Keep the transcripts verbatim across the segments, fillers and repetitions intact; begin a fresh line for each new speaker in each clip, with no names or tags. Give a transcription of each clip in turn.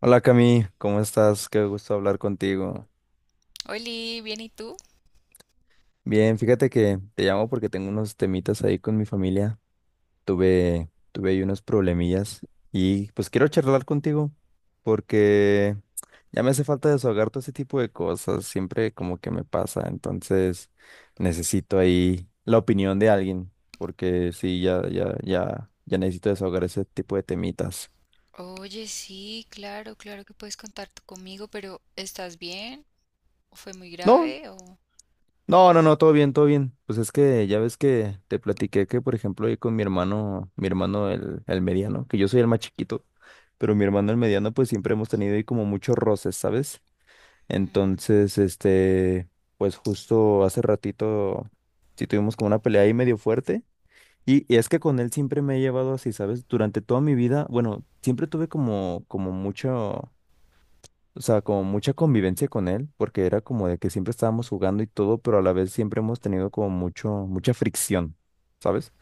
Hola Cami, ¿cómo estás? Qué gusto hablar contigo.
Oli, ¿bien y tú?
Bien, fíjate que te llamo porque tengo unos temitas ahí con mi familia. Tuve, tuve ahí unos problemillas y pues quiero charlar contigo porque ya me hace falta desahogar todo ese tipo de cosas. Siempre como que me pasa, entonces necesito ahí la opinión de alguien porque sí, ya, ya, ya, ya necesito desahogar ese tipo de temitas.
Oye, sí, claro, claro que puedes contar tú conmigo, pero ¿estás bien? ¿O fue muy
No,
grave? ¿O...?
no, no, no, todo bien, todo bien. Pues es que ya ves que te platiqué que, por ejemplo, ahí con mi hermano, mi hermano el, el mediano, que yo soy el más chiquito, pero mi hermano el mediano, pues siempre hemos tenido ahí como muchos roces, ¿sabes?
Mm.
Entonces, este, pues justo hace ratito sí tuvimos como una pelea ahí medio fuerte. Y, y es que con él siempre me he llevado así, ¿sabes? Durante toda mi vida, bueno, siempre tuve como, como mucho. O sea, como mucha convivencia con él, porque era como de que siempre estábamos jugando y todo, pero a la vez siempre hemos tenido como mucho, mucha fricción, ¿sabes?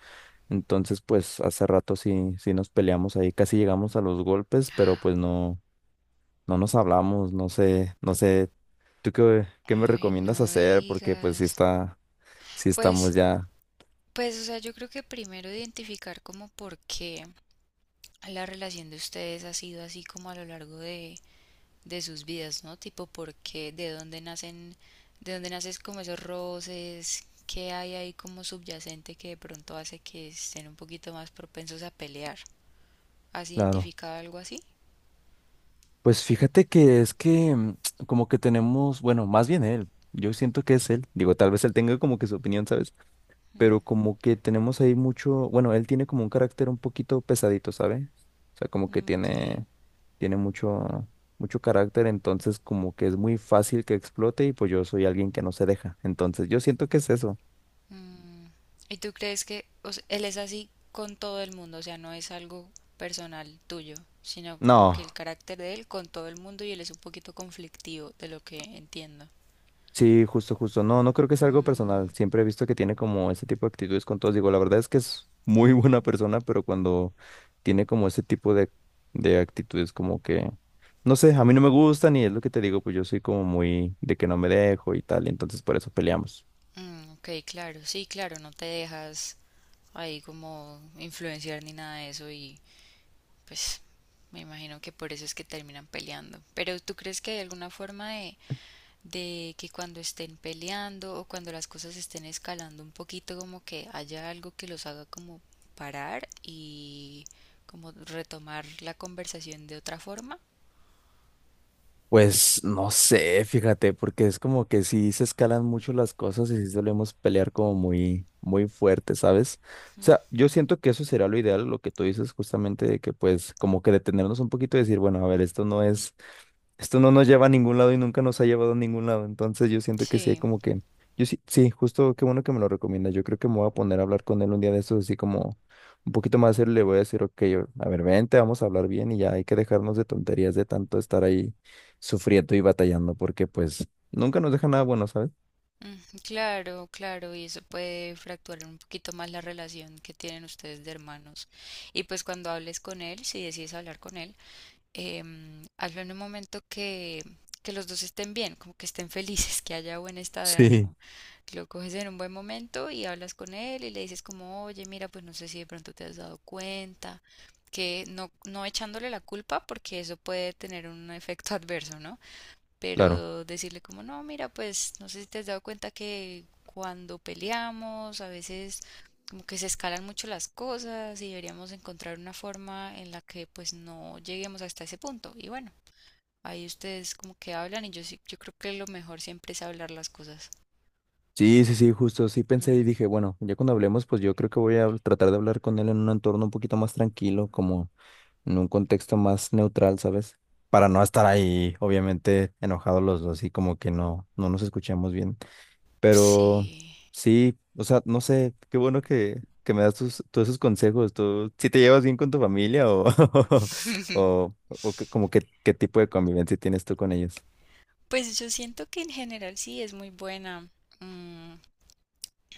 Entonces, pues hace rato sí, sí nos peleamos ahí, casi llegamos a los golpes, pero pues no, no nos hablamos, no sé, no sé, ¿tú qué, qué me
Ay,
recomiendas
no
hacer? Porque pues sí
digas.
está, sí
Pues,
estamos ya,
pues, o sea, yo creo que primero identificar como por qué la relación de ustedes ha sido así como a lo largo de, de sus vidas, ¿no? Tipo, por qué, de dónde nacen, de dónde nacen como esos roces, qué hay ahí como subyacente que de pronto hace que estén un poquito más propensos a pelear. ¿Has
claro.
identificado algo así?
Pues fíjate que es que mm, como que tenemos, bueno, más bien él, yo siento que es él, digo, tal vez él tenga como que su opinión, ¿sabes?
Mm,
Pero como que tenemos ahí mucho, bueno, él tiene como un carácter un poquito pesadito, ¿sabe? O sea, como que
ok.
tiene, tiene mucho, mucho carácter, entonces como que es muy fácil que explote y pues yo soy alguien que no se deja. Entonces yo siento que es eso.
Mm. ¿Y tú crees que o sea, él es así con todo el mundo? O sea, no es algo personal tuyo, sino como que
No.
el carácter de él con todo el mundo y él es un poquito conflictivo, de lo que entiendo.
Sí, justo, justo. No, no creo que sea algo personal.
Mm,
Siempre he visto que tiene como ese tipo de actitudes con todos. Digo, la verdad es que es muy buena persona, pero cuando tiene como ese tipo de, de actitudes, como que, no sé, a mí no me gustan y es lo que te digo, pues yo soy como muy de que no me dejo y tal, y entonces por eso peleamos.
mm, ok, claro, sí, claro, no te dejas ahí como influenciar ni nada de eso y pues me imagino que por eso es que terminan peleando. Pero ¿tú crees que hay alguna forma de de que cuando estén peleando o cuando las cosas estén escalando un poquito, como que haya algo que los haga como parar y como retomar la conversación de otra forma?
Pues no sé, fíjate, porque es como que sí se escalan mucho las cosas y sí solemos pelear como muy, muy fuerte, ¿sabes? O sea, yo siento que eso sería lo ideal, lo que tú dices justamente de que pues como que detenernos un poquito y decir, bueno, a ver, esto no es esto no nos lleva a ningún lado y nunca nos ha llevado a ningún lado. Entonces yo siento que sí,
Sí,
como que, yo sí, sí, justo qué bueno que me lo recomienda. Yo creo que me voy a poner a hablar con él un día de estos, así como un poquito más serio, le voy a decir, ok, o- a ver, vente, vamos a hablar bien y ya hay que dejarnos de tonterías de tanto estar ahí sufriendo y batallando, porque pues nunca nos deja nada bueno, ¿sabes?
mm, claro, claro, y eso puede fracturar un poquito más la relación que tienen ustedes de hermanos. Y pues cuando hables con él, si decides hablar con él, em, hazlo en un momento que, que los dos estén bien, como que estén felices, que haya buen estado de
Sí,
ánimo. Lo coges en un buen momento y hablas con él y le dices como, oye, mira, pues no sé si de pronto te has dado cuenta, que no, no echándole la culpa porque eso puede tener un efecto adverso, ¿no?
claro.
Pero decirle como, no, mira, pues no sé si te has dado cuenta que cuando peleamos a veces como que se escalan mucho las cosas y deberíamos encontrar una forma en la que pues no lleguemos hasta ese punto. Y bueno, ahí ustedes como que hablan y yo sí, yo creo que lo mejor siempre es hablar las cosas.
Sí, sí, sí, justo, sí pensé y
Mm,
dije, bueno, ya cuando hablemos, pues yo creo que voy a tratar de hablar con él en un entorno un poquito más tranquilo, como en un contexto más neutral, ¿sabes? Para no estar ahí, obviamente, enojados los dos y como que no, no nos escuchamos bien. Pero
sí.
sí, o sea, no sé, qué bueno que, que me das tus, todos esos consejos. ¿Tú si te llevas bien con tu familia o, o, o que- como que qué tipo de convivencia tienes tú con ellos?
Pues yo siento que en general sí es muy buena. Mm.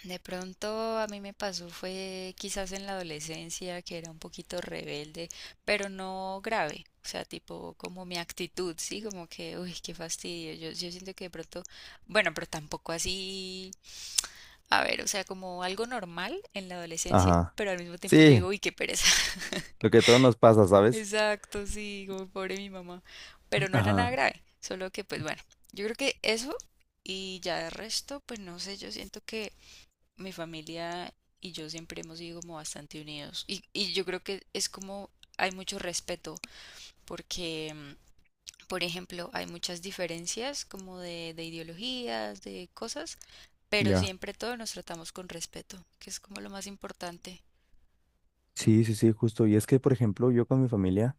De pronto a mí me pasó fue quizás en la adolescencia que era un poquito rebelde, pero no grave, o sea, tipo como mi actitud, sí, como que, uy, qué fastidio, yo, yo siento que de pronto, bueno, pero tampoco así, a ver, o sea, como algo normal en la adolescencia,
Ajá.
pero al mismo tiempo yo
Sí,
digo, uy, qué pereza.
lo que a todos nos pasa, ¿sabes?
Exacto, sí, como pobre mi mamá, pero no era nada
Ajá,
grave, solo que pues bueno, yo creo que eso y ya de resto, pues no sé, yo siento que mi familia y yo siempre hemos sido como bastante unidos. Y, y yo creo que es como hay mucho respeto porque, mm, por ejemplo, hay muchas diferencias como de, de ideologías, de cosas, pero
ya.
siempre todos nos tratamos con respeto, que es como lo más importante.
Sí, sí, sí, justo. Y es que, por ejemplo, yo con mi familia.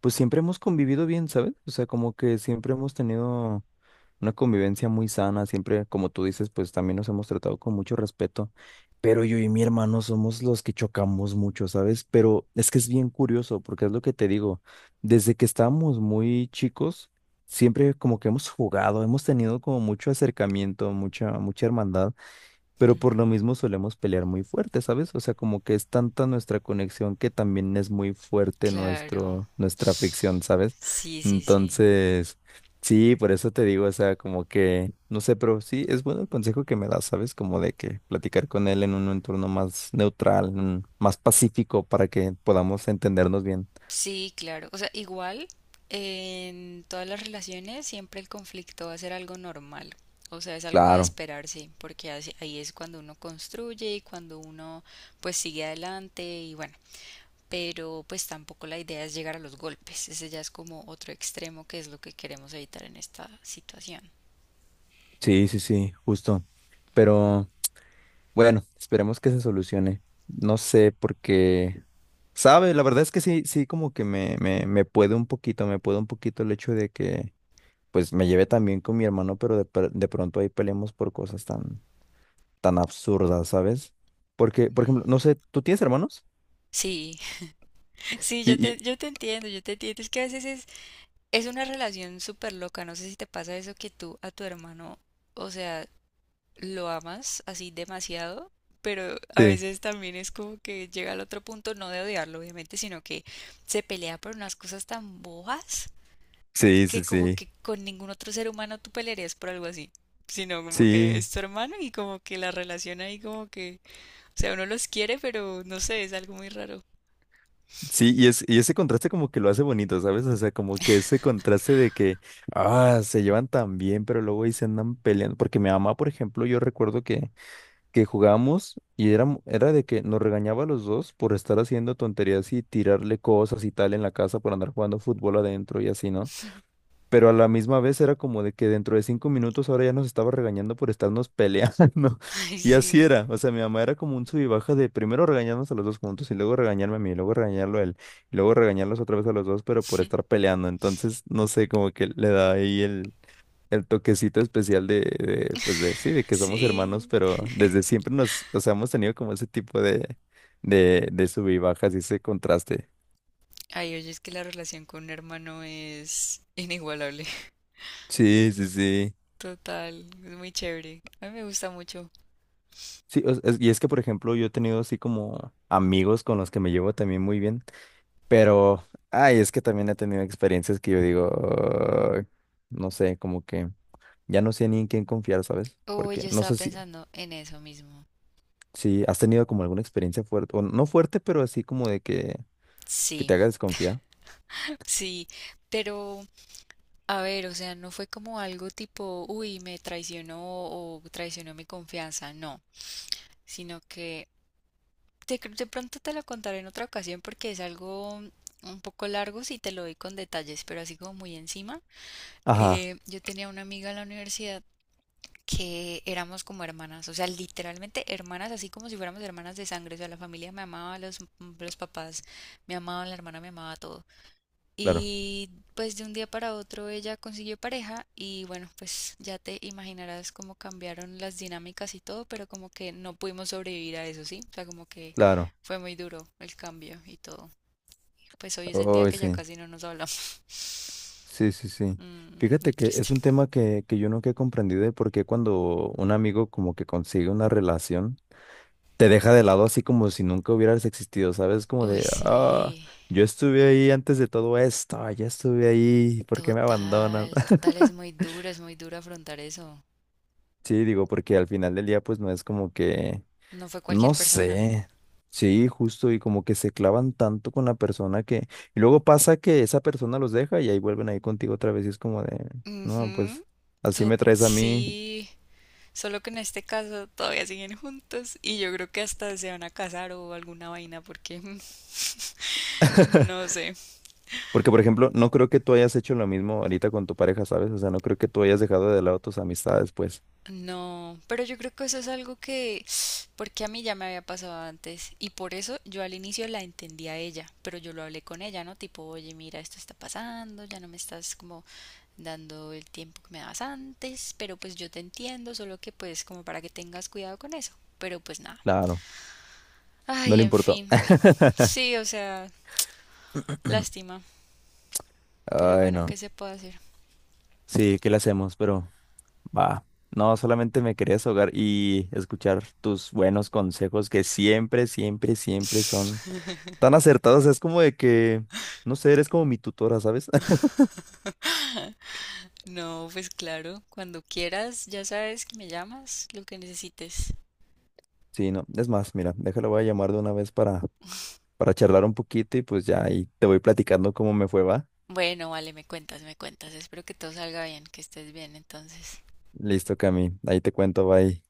Pues siempre hemos convivido bien, ¿sabes? O sea, como que siempre hemos tenido una convivencia muy sana, siempre, como tú dices, pues también nos hemos tratado con mucho respeto, pero yo y mi hermano somos los que chocamos mucho, ¿sabes? Pero es que es bien curioso, porque es lo que te digo, desde que estábamos muy chicos, siempre como que hemos jugado, hemos tenido como mucho acercamiento, mucha, mucha hermandad pero por
Ujú.
lo mismo solemos pelear muy fuerte, ¿sabes? O sea, como que es tanta nuestra conexión que también es muy fuerte
Claro.
nuestro, nuestra fricción, ¿sabes?
Sí, sí, sí.
Entonces, sí, por eso te digo, o sea, como que, no sé, pero sí, es bueno el consejo que me das, ¿sabes? Como de que platicar con él en un entorno más neutral, mm, más pacífico, para que podamos entendernos bien.
Sí, claro. O sea, igual en todas las relaciones siempre el conflicto va a ser algo normal. O sea, es algo de
Claro,
esperarse, porque así- ahí es cuando uno construye y cuando uno pues sigue adelante y bueno, pero pues tampoco la idea es llegar a los golpes. Ese ya es como otro extremo que es lo que queremos evitar en esta situación.
sí, sí, sí, justo. Pero... Bueno, esperemos que se solucione. No sé, porque, sabe, la verdad es que sí, sí, como que me, me, me puede un poquito, me puede un poquito el hecho de que, pues, me lleve también con mi hermano, pero de, pr- de pronto ahí peleamos por cosas tan, tan absurdas, ¿sabes? Porque, por ejemplo,
Mm.
no sé, ¿tú tienes hermanos?
Sí, sí, yo
Y,
te,
y-
yo te entiendo, yo te entiendo. Es que a veces es, es una relación súper loca. No sé si te pasa eso que tú a tu hermano, o sea, lo amas así demasiado, pero a
sí,
veces también es como que llega al otro punto, no de odiarlo, obviamente, sino que se pelea por unas cosas tan bojas
sí,
que
sí,
como
sí,
que con ningún otro ser humano tú pelearías por algo así. Sino como que
sí,
es tu hermano y como que la relación ahí como que, o sea, uno los quiere, pero no sé, es algo muy raro.
sí, y, es, y ese contraste como que lo hace bonito, ¿sabes? O sea, como que ese contraste de que, ah, se llevan tan bien, pero luego ahí se andan peleando, porque mi mamá, por ejemplo, yo recuerdo que que jugamos y era, era de que nos regañaba a los dos por estar haciendo tonterías y tirarle cosas y tal en la casa por andar jugando fútbol adentro y así, ¿no? Pero a la misma vez era como de que dentro de cinco minutos ahora ya nos estaba regañando por estarnos peleando.
Ay,
Y así
sí,
era. O sea, mi mamá era como un sub y baja de primero regañarnos a los dos juntos y luego regañarme a mí, y luego regañarlo a él, y luego regañarlos otra vez a los dos, pero por estar peleando. Entonces, no sé, como que le da ahí el, el toquecito especial de, de, pues de, sí, de que somos hermanos,
sí.
pero desde siempre nos, o sea, hemos tenido como ese tipo de, de, de sub y bajas y ese contraste.
Ay, oye, es que la relación con un hermano es inigualable.
Sí, sí, sí.
Total, es muy chévere. A mí me gusta mucho.
Sí, o- es- y es que, por ejemplo, yo he tenido así como amigos con los que me llevo también muy bien, pero, ay, es que también he tenido experiencias que yo digo, "Ay", no sé, como que ya no sé ni en quién confiar, ¿sabes?
Oh,
Porque
yo
no
estaba
sé si,
pensando en eso mismo.
si has tenido como alguna experiencia fuerte, o no fuerte, pero así como de que, que
Sí,
te haga desconfiar.
sí, pero a ver, o sea, no fue como algo tipo, uy, me traicionó o traicionó mi confianza, no, sino que de, cr- de pronto te lo contaré en otra ocasión porque es algo un poco largo si te lo doy con detalles, pero así como muy encima.
Ajá,
Eh, yo tenía una amiga en la universidad que éramos como hermanas, o sea, literalmente hermanas, así como si fuéramos hermanas de sangre, o sea, la familia me amaba, los, los papás me amaban, la hermana me amaba, todos.
claro,
Y pues de un día para otro ella consiguió pareja y bueno, pues ya te imaginarás cómo cambiaron las dinámicas y todo, pero como que no pudimos sobrevivir a eso, ¿sí? O sea, como que
claro.
fue muy duro el cambio y todo. Pues hoy es el día
Oh,
que ya
sí,
casi no nos hablamos.
sí, sí, sí.
Mm, muy
Fíjate que
triste.
es un tema que, que yo nunca he comprendido de por qué cuando un amigo como que consigue una relación, te deja de lado así como si nunca hubieras existido, ¿sabes? Como
Uy,
de, ah,
sí,
yo estuve ahí antes de todo esto, ya estuve ahí, ¿por qué me abandonas?
total, total, es muy duro, es muy duro afrontar eso.
Sí, digo, porque al final del día pues no es como que...
No fue
No
cualquier persona.
sé. Sí, justo, y como que se clavan tanto con la persona que... Y luego pasa que esa persona los deja y ahí vuelven ahí contigo otra vez y es como de, no,
Ujú,
pues así
tot-
me traes a mí.
sí. Solo que en este caso todavía siguen juntos y yo creo que hasta se van a casar o alguna vaina porque no sé.
Porque, por ejemplo, no creo que tú hayas hecho lo mismo ahorita con tu pareja, ¿sabes? O sea, no creo que tú hayas dejado de lado tus amistades, pues.
No, pero yo creo que eso es algo que porque a mí ya me había pasado antes y por eso yo al inicio la entendí a ella, pero yo lo hablé con ella, ¿no? Tipo, oye, mira, esto está pasando, ya no me estás como dando el tiempo que me dabas antes, pero pues yo te entiendo, solo que pues como para que tengas cuidado con eso. Pero pues nada.
Claro, no
Ay,
le
en
importó.
fin. Sí, o sea, lástima. Pero
Ay,
bueno,
no.
¿qué se puede hacer?
Sí, ¿qué le hacemos? Pero... Va, no, solamente me quería ahogar y escuchar tus buenos consejos que siempre, siempre, siempre son tan acertados. Es como de que, no sé, eres como mi tutora, ¿sabes?
No, pues claro, cuando quieras, ya sabes que me llamas, lo que necesites.
Sí, no, es más, mira, déjalo, voy a llamar de una vez para, para charlar un poquito y pues ya ahí te voy platicando cómo me fue, va.
Bueno, vale, me cuentas, me cuentas. Espero que todo salga bien, que estés bien entonces.
Listo, Cami, ahí te cuento, bye.